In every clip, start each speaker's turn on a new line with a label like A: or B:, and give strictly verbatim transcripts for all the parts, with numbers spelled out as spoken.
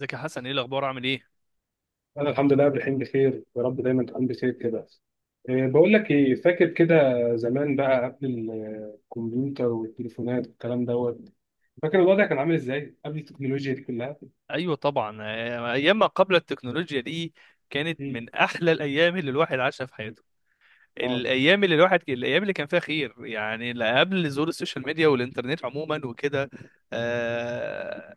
A: ازيك يا حسن، ايه الاخبار، عامل ايه؟
B: انا الحمد لله قبل الحين بخير. يا رب دايما تكون بخير كده. إيه، بقول لك ايه، فاكر كده زمان بقى قبل ال- الكمبيوتر والتليفونات والكلام دوت؟ فاكر الوضع كان عامل ازاي قبل التكنولوجيا دي كلها؟
A: ايوه طبعا، آه، ايام ما قبل التكنولوجيا دي كانت
B: مم.
A: من احلى الايام اللي الواحد عاشها في حياته.
B: اه،
A: الايام اللي الواحد الايام اللي كان فيها خير. يعني لا، قبل ظهور السوشيال ميديا والانترنت عموما وكده. آه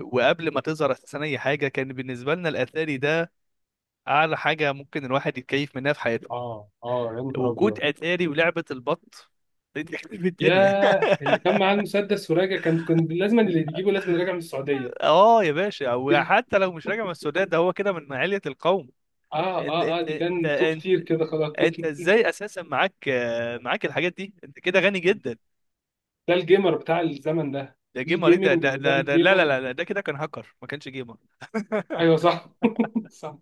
A: وقبل ما تظهر اساسا اي حاجه، كان بالنسبه لنا الاتاري ده اعلى حاجه ممكن الواحد يتكيف منها في حياته.
B: اه، اه، يا نهار
A: وجود
B: ابيض.
A: اتاري ولعبه البط دي تخرب الدنيا.
B: ياه، اللي كان معاه المسدس وراجع، كان كان لازم اللي بيجيبه لازم راجع من السعوديه.
A: اه يا باشا، وحتى لو مش راجع من السودان ده هو كده من علية القوم.
B: اه،
A: انت
B: اه، اه،
A: انت
B: دي
A: انت
B: كان توب
A: انت,
B: تير كده خلاص.
A: انت ازاي اساسا معاك، آه، معاك الحاجات دي؟ انت كده غني جدا.
B: ده الجيمر بتاع الزمن ده.
A: ده
B: دي
A: جيمر ايه؟ ده
B: الجيمنج
A: ده
B: وده
A: ده ده- لا لا
B: الجيمر.
A: لا لا، ده كده كان هاكر، ما كانش جيمر.
B: ايوه صح. صح.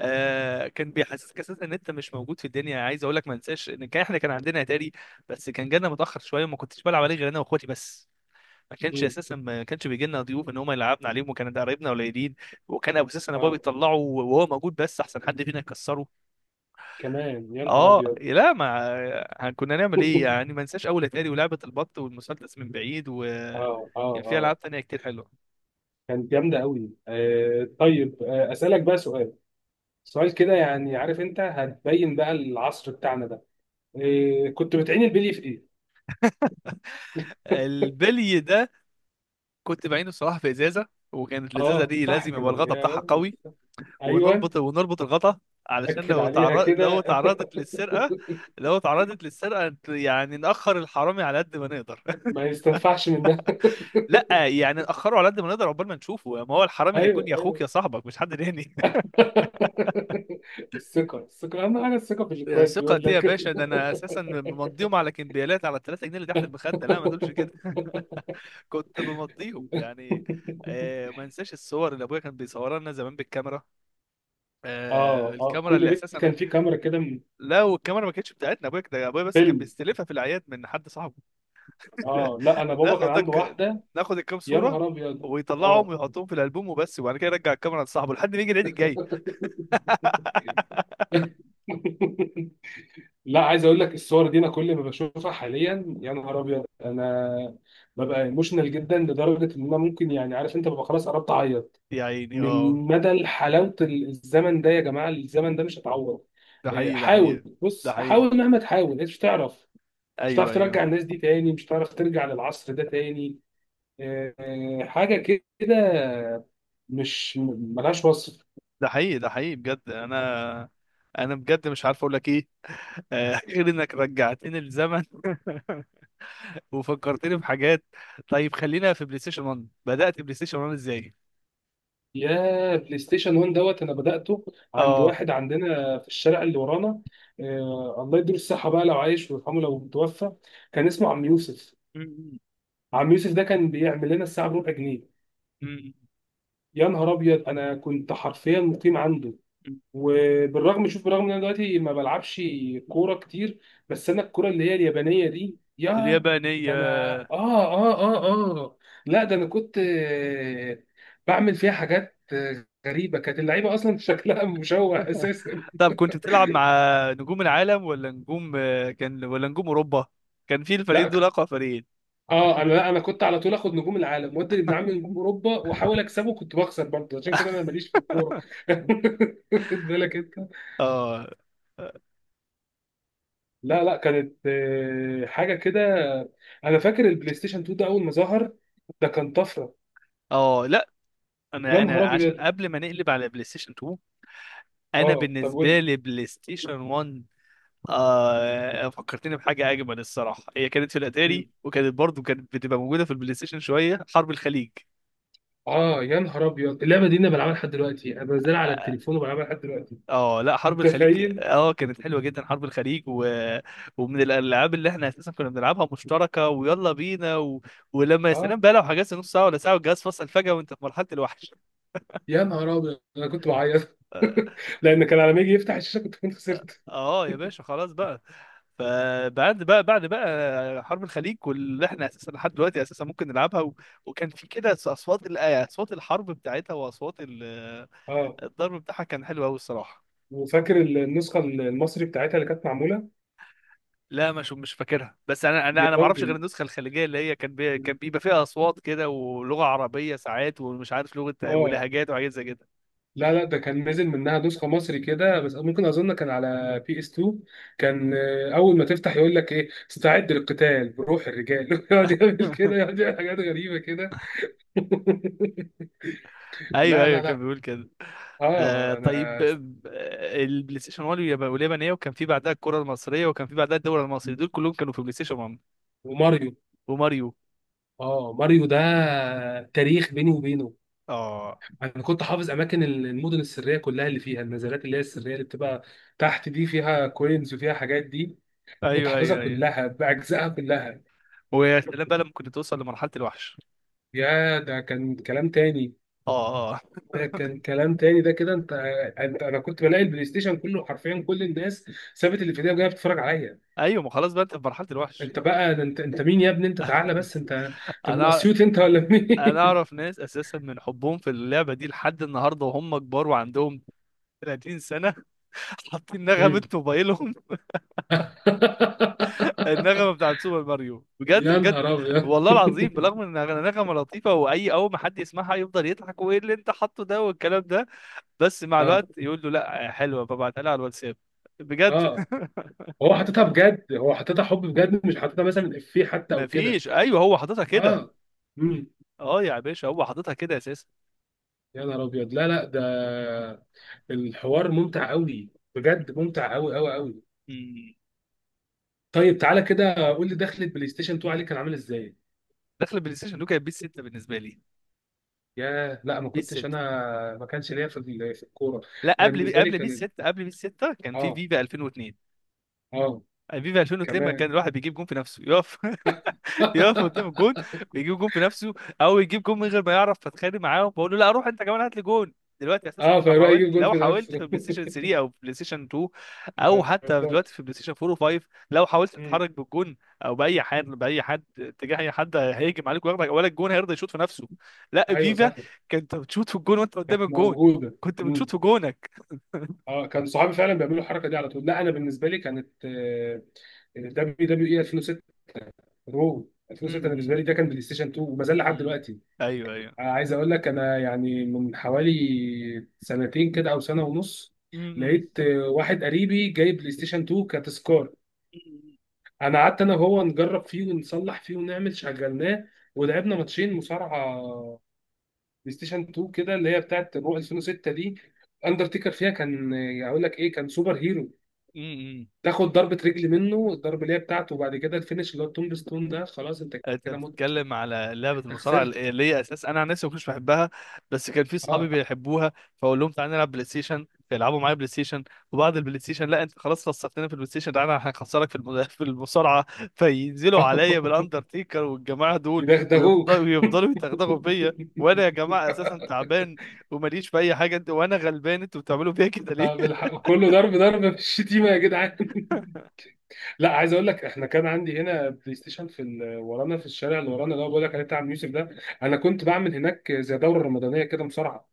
A: آه كان بيحسسك اساسا ان انت مش موجود في الدنيا. عايز اقول لك ما انساش ان كان احنا كان عندنا اتاري، بس كان جانا متاخر شويه وما كنتش بلعب عليه غير انا واخواتي بس. ما كانش
B: مم.
A: اساسا، ما كانش بيجي لنا ضيوف ان هم يلعبنا عليهم، وكان ده قرايبنا قليلين. وكان ابو اساسا ابويا
B: اه،
A: بيطلعه وهو موجود، بس احسن حد فينا يكسره.
B: كمان يا نهار
A: اه
B: ابيض.
A: لا، ما كنا نعمل ايه يعني؟ ما انساش اول اتاري ولعبه البط والمسدس من بعيد،
B: اه، اه،
A: وكان في
B: اه،
A: العاب تانية كتير حلوه.
B: كانت جامده قوي. آه طيب، آه اسالك بقى سؤال. سؤال كده، يعني عارف انت هتبين بقى العصر بتاعنا ده.
A: مم.
B: آه، كنت بتعين البلي في ايه؟
A: البلي ده كنت بعينه الصراحه في ازازه، وكانت الازازه
B: اه
A: دي
B: صح
A: لازم يبقى
B: كده
A: الغطا
B: يا
A: بتاعها قوي.
B: ولد. ايوه.
A: ونربط ونربط الغطا علشان
B: اكد
A: لو
B: عليها
A: تعرض لو
B: كده.
A: تعرضت للسرقه. لو تعرضت للسرقه يعني ناخر الحرامي على قد ما نقدر.
B: ما يستنفعش منها.
A: لا يعني ناخره على قد ما نقدر عقبال ما نشوفه. ما هو الحرامي
B: ايوه،
A: هيكون يا اخوك
B: ايوه.
A: يا صاحبك، مش حد تاني.
B: الثقه، الثقه اهم حاجه، الثقه في الاخوات بيقول
A: ثقتي يا
B: لك.
A: باشا، ده انا اساسا بمضيهم على كمبيالات على ثلاثة جنيه اللي تحت المخده. لا ما تقولش كده. كنت بمضيهم يعني. آه، ما انساش الصور اللي ابويا كان بيصورها لنا زمان بالكاميرا. آه
B: اه، اه،
A: الكاميرا
B: كل
A: اللي
B: بيت
A: اساسا،
B: كان فيه كاميرا كده من
A: لو الكاميرا ما كانتش بتاعتنا، ابويا ده، ابويا بس كان
B: فيلم.
A: بيستلفها في الاعياد من حد صاحبه.
B: اه، لا انا بابا كان
A: ناخد
B: عنده
A: دك...
B: واحده.
A: ناخد الكام
B: يا
A: صوره،
B: نهار ابيض.
A: ويطلعهم
B: اه.
A: ويحطهم في الالبوم وبس، وبعد كده يرجع الكاميرا لصاحبه لحد ما يجي العيد الجاي.
B: لا، عايز اقول لك، الصور دي انا كل ما بشوفها حاليا، يا نهار ابيض، انا ببقى ايموشنال جدا لدرجه ان انا ممكن، يعني عارف انت، ببقى خلاص قربت اعيط
A: يا عيني
B: من
A: اه.
B: مدى حلاوه الزمن ده. يا جماعه، الزمن ده مش هتعوض.
A: ده
B: آه،
A: حقيقي، ده
B: حاول،
A: حقيقي، ده
B: بص
A: حقيقي.
B: حاول، مهما تحاول انت مش هتعرف. مش هتعرف
A: ايوه
B: ترجع
A: ايوه،
B: الناس دي تاني، مش هتعرف ترجع للعصر ده تاني. آه، حاجه كده مش ملهاش وصف.
A: ده حقيقي، ده حقيقي بجد. انا انا بجد مش عارف اقول لك ايه. آه، غير انك رجعتني للزمن وفكرتني بحاجات. طيب، خلينا في بلاي ستيشن واحد. بدأت بلاي ستيشن واحد ازاي؟
B: يا بلاي ستيشن واحد دوت، انا بداته عند
A: اه.
B: واحد عندنا في الشارع اللي ورانا. آه، الله يديله الصحه بقى لو عايش، ويرحمه لو متوفى. كان اسمه عم يوسف.
A: م-
B: عم يوسف ده كان بيعمل لنا الساعه بربع جنيه.
A: م-
B: يا نهار ابيض، انا كنت حرفيا مقيم عنده.
A: م- م.
B: وبالرغم، شوف، بالرغم ان انا دلوقتي ما بلعبش كوره كتير، بس انا الكوره اللي هي اليابانيه دي يا
A: اليابانية.
B: ده انا، اه، اه، اه. اه. لا ده انا كنت آه، بعمل فيها حاجات آه، غريبه. كانت اللعيبه اصلا شكلها مشوه اساسا.
A: طب كنت بتلعب مع نجوم العالم ولا نجوم، آه، كان ولا نجوم اوروبا؟ كان في الفريقين
B: لا
A: دول
B: ك-
A: اقوى فريقين.
B: اه انا، لا انا كنت على طول اخد نجوم العالم، وادي ابن عمي نجوم اوروبا، واحاول اكسبه. كنت بخسر برضه، عشان كده انا ماليش في الكوره. خد بالك انت.
A: اه
B: لا لا، كانت آه، حاجه كده. انا فاكر البلاي ستيشن اتنين ده اول ما ظهر، ده كان طفره.
A: اه. لا،
B: يا
A: انا
B: نهار
A: انا عشان
B: ابيض.
A: قبل ما نقلب على بلاي ستيشن اتنين، انا
B: اه، طب قول
A: بالنسبه
B: لي.
A: لي بلاي ستيشن واحد. آه فكرتني بحاجة أجمل. الصراحة هي كانت في الأتاري،
B: مم.
A: وكانت برضو كانت بتبقى موجودة في البلاي ستيشن: شوية حرب الخليج.
B: اه يا نهار ابيض، اللعبه دي انا بلعبها لحد دلوقتي، انا بنزلها على
A: آه
B: التليفون وبلعبها لحد دلوقتي.
A: آه، لا، حرب الخليج
B: متخيل؟
A: آه كانت حلوة جدا. حرب الخليج، و... ومن الألعاب اللي إحنا أساسا كنا بنلعبها مشتركة ويلا بينا. و... ولما يا سلام
B: اه،
A: بقى، لو حجزت نص ساعة ولا ساعة والجهاز فصل فجأة وأنت في مرحلة الوحش.
B: يا نهار ابيض انا كنت بعيط،
A: آه،
B: لان كان على ما يجي يفتح الشاشه كنت كنت خسرت.
A: اه يا باشا، خلاص بقى. فبعد بقى، بعد بقى حرب الخليج، واللي احنا اساسا لحد دلوقتي اساسا ممكن نلعبها. و... وكان في كده اصوات ال- آه، اصوات الحرب بتاعتها واصوات ال...
B: اه.
A: الضرب بتاعها، كان حلو قوي الصراحه.
B: وفاكر النسخه المصري بتاعتها اللي كانت معموله؟
A: لا، مش مش فاكرها، بس انا انا
B: يا
A: انا ما اعرفش غير
B: راجل.
A: النسخه الخليجيه، اللي هي كان بي... كان بيبقى فيها اصوات كده ولغه عربيه ساعات، ومش عارف لغه
B: اه.
A: ولهجات وحاجات زي كده.
B: لا لا، ده كان نزل منها نسخة مصري كده، بس ممكن أظن كان على بي اس اتنين. كان آه، أول ما تفتح يقول لك إيه، استعد للقتال بروح الرجال. يقعد يعمل كده، يقعد يعمل حاجات غريبة كده.
A: ايوه
B: لا
A: ايوه،
B: لا
A: كان
B: لا.
A: بيقول كده. آه
B: آه
A: طيب
B: أنا.
A: آه، البلاي ستيشن واحد يبقى واليابانيه، وكان في بعدها الكره المصريه، وكان في بعدها الدوري المصري، دول كلهم كانوا في بلاي ستيشن واحد
B: وماريو.
A: وماريو.
B: آه، ماريو ده تاريخ بيني وبينه.
A: اه.
B: أنا كنت حافظ أماكن المدن السرية كلها، اللي فيها النزلات اللي هي السرية اللي بتبقى تحت، دي فيها كوينز وفيها حاجات دي. كنت
A: ايوه
B: حافظها
A: ايوه ايوه.
B: كلها بأجزائها كلها.
A: ويا سلام بقى لما كنت توصل لمرحله الوحش.
B: يا، ده كان كلام تاني.
A: اه اه.
B: ده كان كلام تاني. ده كده انت انت، انا كنت بلاقي البلاي ستيشن كله حرفيا، كل الناس سابت اللي في ايديها وجايه بتتفرج عليا.
A: ايوه، ما خلاص بقى انت في مرحله الوحش.
B: انت بقى ده، انت انت مين يا ابني؟ انت تعالى بس. انت انت من
A: انا
B: اسيوط انت ولا
A: انا
B: مين؟
A: اعرف ناس اساسا من حبهم في اللعبه دي لحد النهارده، وهم كبار وعندهم ثلاثين سنة سنه، حاطين نغمه
B: مم.
A: موبايلهم النغمه بتاعت سوبر ماريو. بجد
B: يا
A: بجد،
B: نهار ابيض.
A: والله العظيم. بالرغم ان النغمه لطيفه، واي اول ما حد يسمعها يفضل يضحك: وايه اللي انت حاطه ده والكلام ده، بس مع الوقت
B: اه،
A: يقول له لا حلوه فبعتها لها على الواتساب. بجد.
B: اه، هو حاططها بجد، هو حاططها حب بجد، مش حاططها مثلا افيه حتى او كده.
A: مفيش، ايوه، هو حاططها كده.
B: اه. امم
A: اه يا باشا، هو حاططها كده اساسا.
B: يا نهار ابيض، لا لا، ده الحوار ممتع قوي، بجد ممتع قوي قوي قوي.
A: مم.
B: طيب تعالى كده قول لي، دخلة بلاي ستيشن اتنين عليك كان عامل ازاي؟
A: دخل البلاي ستيشن دول كانت بيس ستة بالنسبه لي.
B: ياه، لا ما
A: بيس
B: كنتش انا.
A: ستة.
B: ما كانش ليا في ال- في الكوره.
A: لا،
B: انا
A: قبل بي...
B: بالنسبه لي
A: قبل بيس
B: كان،
A: ستة، قبل بيس ستة كان في
B: اه.
A: فيفا الفين واتنين
B: اه.
A: فيفا الفين واتنين لما كان
B: كمان.
A: الواحد بيجيب جون في نفسه يقف. يقف قدام الجون، بيجيب جون في نفسه، او يجيب جون من غير ما يعرف فاتخانق معاهم، فاقول له لا روح انت كمان هات لي جون. دلوقتي اساسا
B: اه،
A: انت لو
B: فيروح
A: حاولت
B: يجيب جون
A: لو
B: في
A: حاولت في
B: نفسه.
A: بلاي ستيشن تلاتة او بلاي ستيشن اتنين، او
B: ما
A: حتى دلوقتي
B: يرضاش.
A: في بلاي ستيشن اربعة و5، لو حاولت
B: مم.
A: تتحرك بالجون او باي حد باي حد اتجاه اي حد، هيهجم عليك وياخدك، ولا الجون هيرضى يشوط في نفسه. لا،
B: ايوه
A: فيفا
B: صح.
A: كنت بتشوط في الجون وانت قدام
B: كانت
A: الجون،
B: موجوده.
A: كنت
B: مم.
A: بتشوط في جونك.
B: اه، كان صحابي فعلا بيعملوا الحركه دي على طول. لا انا بالنسبه لي كانت دبليو دبليو اي ألفين وستة، رو
A: م-
B: ألفين وستة. انا بالنسبه
A: م-
B: لي ده كان بلاي ستيشن اتنين وما زال لحد
A: م.
B: دلوقتي.
A: ايوه ايوه.
B: عايز اقول لك انا، يعني من حوالي سنتين كده او سنه ونص،
A: م-
B: لقيت آه، واحد قريبي جايب بلاي ستيشن اتنين كتذكار.
A: م.
B: انا قعدت انا وهو نجرب فيه ونصلح فيه ونعمل شغلناه، ولعبنا ماتشين مصارعه بلاي ستيشن اتنين كده، اللي هي بتاعت رو ألفين وستة دي. اندرتيكر فيها كان، آه، اقول لك ايه، كان سوبر هيرو.
A: امم.
B: تاخد ضربة رجل منه، الضربة اللي هي بتاعته، وبعد كده الفينش اللي هو التومب ستون ده، خلاص، انت
A: انت
B: كده مت،
A: بتتكلم على لعبه
B: انت
A: المصارعه
B: خسرت.
A: اللي هي اساس انا عن نفسي ما كنتش بحبها، بس كان في
B: اه.
A: اصحابي بيحبوها، فاقول لهم تعالى نلعب بلاي ستيشن، فيلعبوا معايا بلاي ستيشن، وبعد البلاي ستيشن: لا انت خلاص خسرتنا في البلاي ستيشن، تعالى هنخسرك في الم- في المصارعه. فينزلوا عليا بالاندرتيكر والجماعه دول،
B: يدغدغوك.
A: ويفضلوا ويفضلوا يتغدغوا فيا، وانا يا جماعه اساسا تعبان وماليش في اي حاجه، انت وانا غلبان، انتوا بتعملوا فيا كده ليه؟
B: طب الحق كله، ضرب ضرب في الشتيمه يا جدعان. لا عايز اقول لك، احنا كان عندي هنا بلاي ستيشن في ال- ورانا، في الشارع اللي ورانا اللي هو بقول لك عليه بتاع عم يوسف ده. انا كنت بعمل هناك زي دوره رمضانيه كده مصارعه،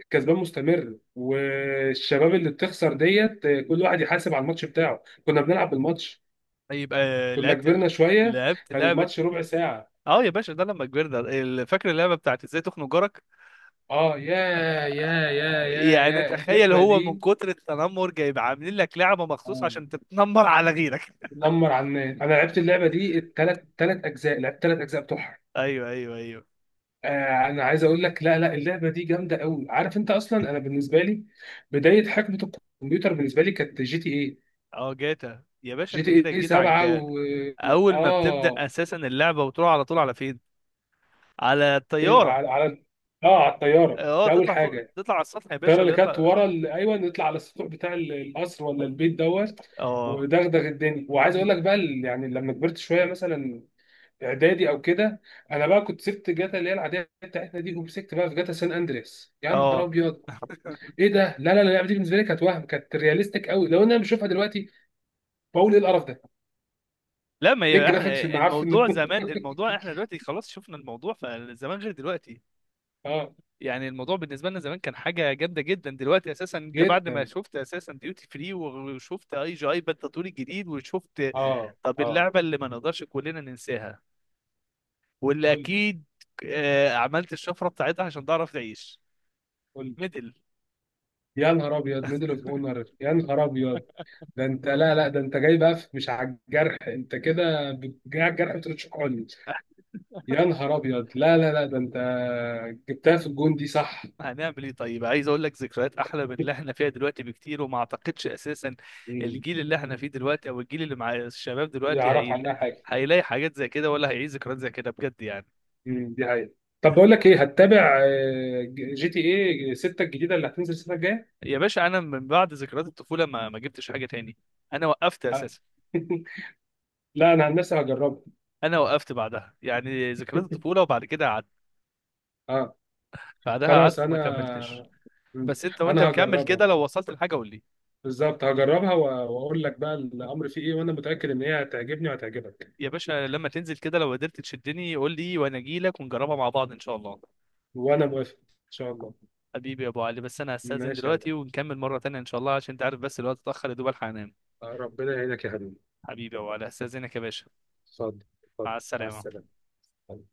B: الكسبان مستمر والشباب اللي بتخسر ديت. كل واحد يحاسب على الماتش بتاعه، كنا بنلعب بالماتش.
A: طيب، آه،
B: كنا
A: لعبت
B: كبرنا شويه،
A: لعبت
B: كان
A: لعبه.
B: الماتش ربع ساعه.
A: اه يا باشا، ده لما كبرنا ال- فاكر اللعبه بتاعت ازاي تخنق جارك؟
B: اه، يا يا يا يا
A: يعني
B: يا
A: تخيل،
B: اللعبه
A: هو من
B: دي.
A: كتر التنمر جايب عاملين لك لعبه مخصوص
B: آه.
A: عشان تتنمر على غيرك.
B: نمر على الناس. انا لعبت اللعبه دي، الثلاث ثلاث اجزاء، لعبت ثلاث اجزاء بتوعها.
A: ايوه ايوه ايوه.
B: آه انا عايز اقول لك، لا لا، اللعبه دي جامده قوي. عارف انت اصلا، انا بالنسبه لي بدايه حقبه الكمبيوتر بالنسبه لي كانت جي تي ايه
A: اه، جاتا يا باشا،
B: جي
A: انت
B: تي
A: كده
B: ايه
A: جيت على
B: سبعة
A: الجا.
B: و،
A: اول ما بتبدا
B: اه،
A: اساسا اللعبه وتروح على طول على فين؟ على
B: في-
A: الطياره.
B: على على اه، على الطياره
A: اه،
B: ده اول
A: تطلع فوق،
B: حاجه.
A: تطلع على السطح يا
B: الطياره
A: باشا،
B: اللي كانت
A: ويلا.
B: ورا ال، ايوه نطلع على السطوح بتاع ال- القصر ولا البيت دوت،
A: اه
B: ودغدغ الدنيا. وعايز اقول لك بقى ال- يعني لما كبرت شويه مثلا اعدادي او كده، انا بقى كنت سبت جاتا اللي هي العاديه بتاعتنا دي، ومسكت بقى في جاتا سان اندريس. يا نهار
A: اه.
B: ابيض، ايه ده، لا لا لا، اللعبه دي بالنسبه لي كانت وهم، كانت رياليستيك قوي، لو إن انا بشوفها دلوقتي بقول ايه القرف ده،
A: لا، ما
B: ايه
A: هي
B: الجرافيكس
A: احنا
B: المعفن
A: الموضوع
B: ده؟
A: زمان، الموضوع احنا دلوقتي خلاص شفنا، الموضوع فزمان غير دلوقتي.
B: اه.
A: يعني الموضوع بالنسبه لنا زمان كان حاجه جامده جدا، دلوقتي اساسا انت بعد ما
B: جدا.
A: شفت اساسا ديوتي فري، وشفت اي جي اي بالتطوير الجديد وشفت.
B: اه،
A: طب
B: اه.
A: اللعبه اللي ما نقدرش كلنا ننساها، واللي
B: قول.
A: اكيد آه، عملت الشفره بتاعتها عشان تعرف تعيش:
B: قول.
A: ميدل.
B: يا نهار ابيض، ميدل اوف اونر. يا نهار ابيض، ده انت، لا لا، ده انت جاي بقى في- مش على الجرح، انت كده بت- جاي على الجرح بترشقني. يا نهار ابيض، لا لا لا، ده انت جبتها في الجون دي صح.
A: هنعمل ايه طيب؟ عايز اقول لك ذكريات احلى من اللي احنا فيها دلوقتي بكتير، وما اعتقدش اساسا الجيل اللي احنا فيه دلوقتي او الجيل اللي مع الشباب دلوقتي،
B: يعرف
A: هي...
B: عنها حاجه.
A: هيلاقي حاجات زي كده ولا هيعيش ذكريات زي كده بجد يعني.
B: امم دي حقيقة. طب بقول لك ايه، هتتابع آه، ج- جي تي ايه ستة الجديده اللي هتنزل السنه الجايه؟
A: يا باشا، انا من بعد ذكريات الطفوله ما ما جبتش حاجه تاني. انا وقفت
B: آه.
A: اساسا.
B: لا انا عن نفسي هجربها.
A: انا وقفت بعدها، يعني ذكريات الطفوله وبعد كده قعدت
B: اه
A: بعدها،
B: خلاص،
A: قعدت ما
B: انا.
A: كملتش.
B: مم.
A: بس انت وانت
B: انا
A: مكمل
B: هجربها
A: كده، لو وصلت لحاجه قول لي.
B: بالظبط، هجربها و- واقول لك بقى الامر فيه ايه، وانا متاكد ان هي هتعجبني وهتعجبك.
A: يا باشا، لما تنزل كده لو قدرت تشدني قول لي، وانا اجي لك ونجربها مع بعض ان شاء الله.
B: وانا موافق ان شاء الله.
A: حبيبي يا ابو علي، بس انا هستاذن
B: ماشي يا عبد.
A: دلوقتي ونكمل مره تانية ان شاء الله، عشان انت عارف بس الوقت اتاخر، يا دوب الحق انام.
B: آه، ربنا يعينك يا حبيبي.
A: حبيبي يا ابو علي، هستاذنك يا باشا.
B: اتفضل،
A: مع
B: اتفضل، مع
A: السلامه.
B: السلامه.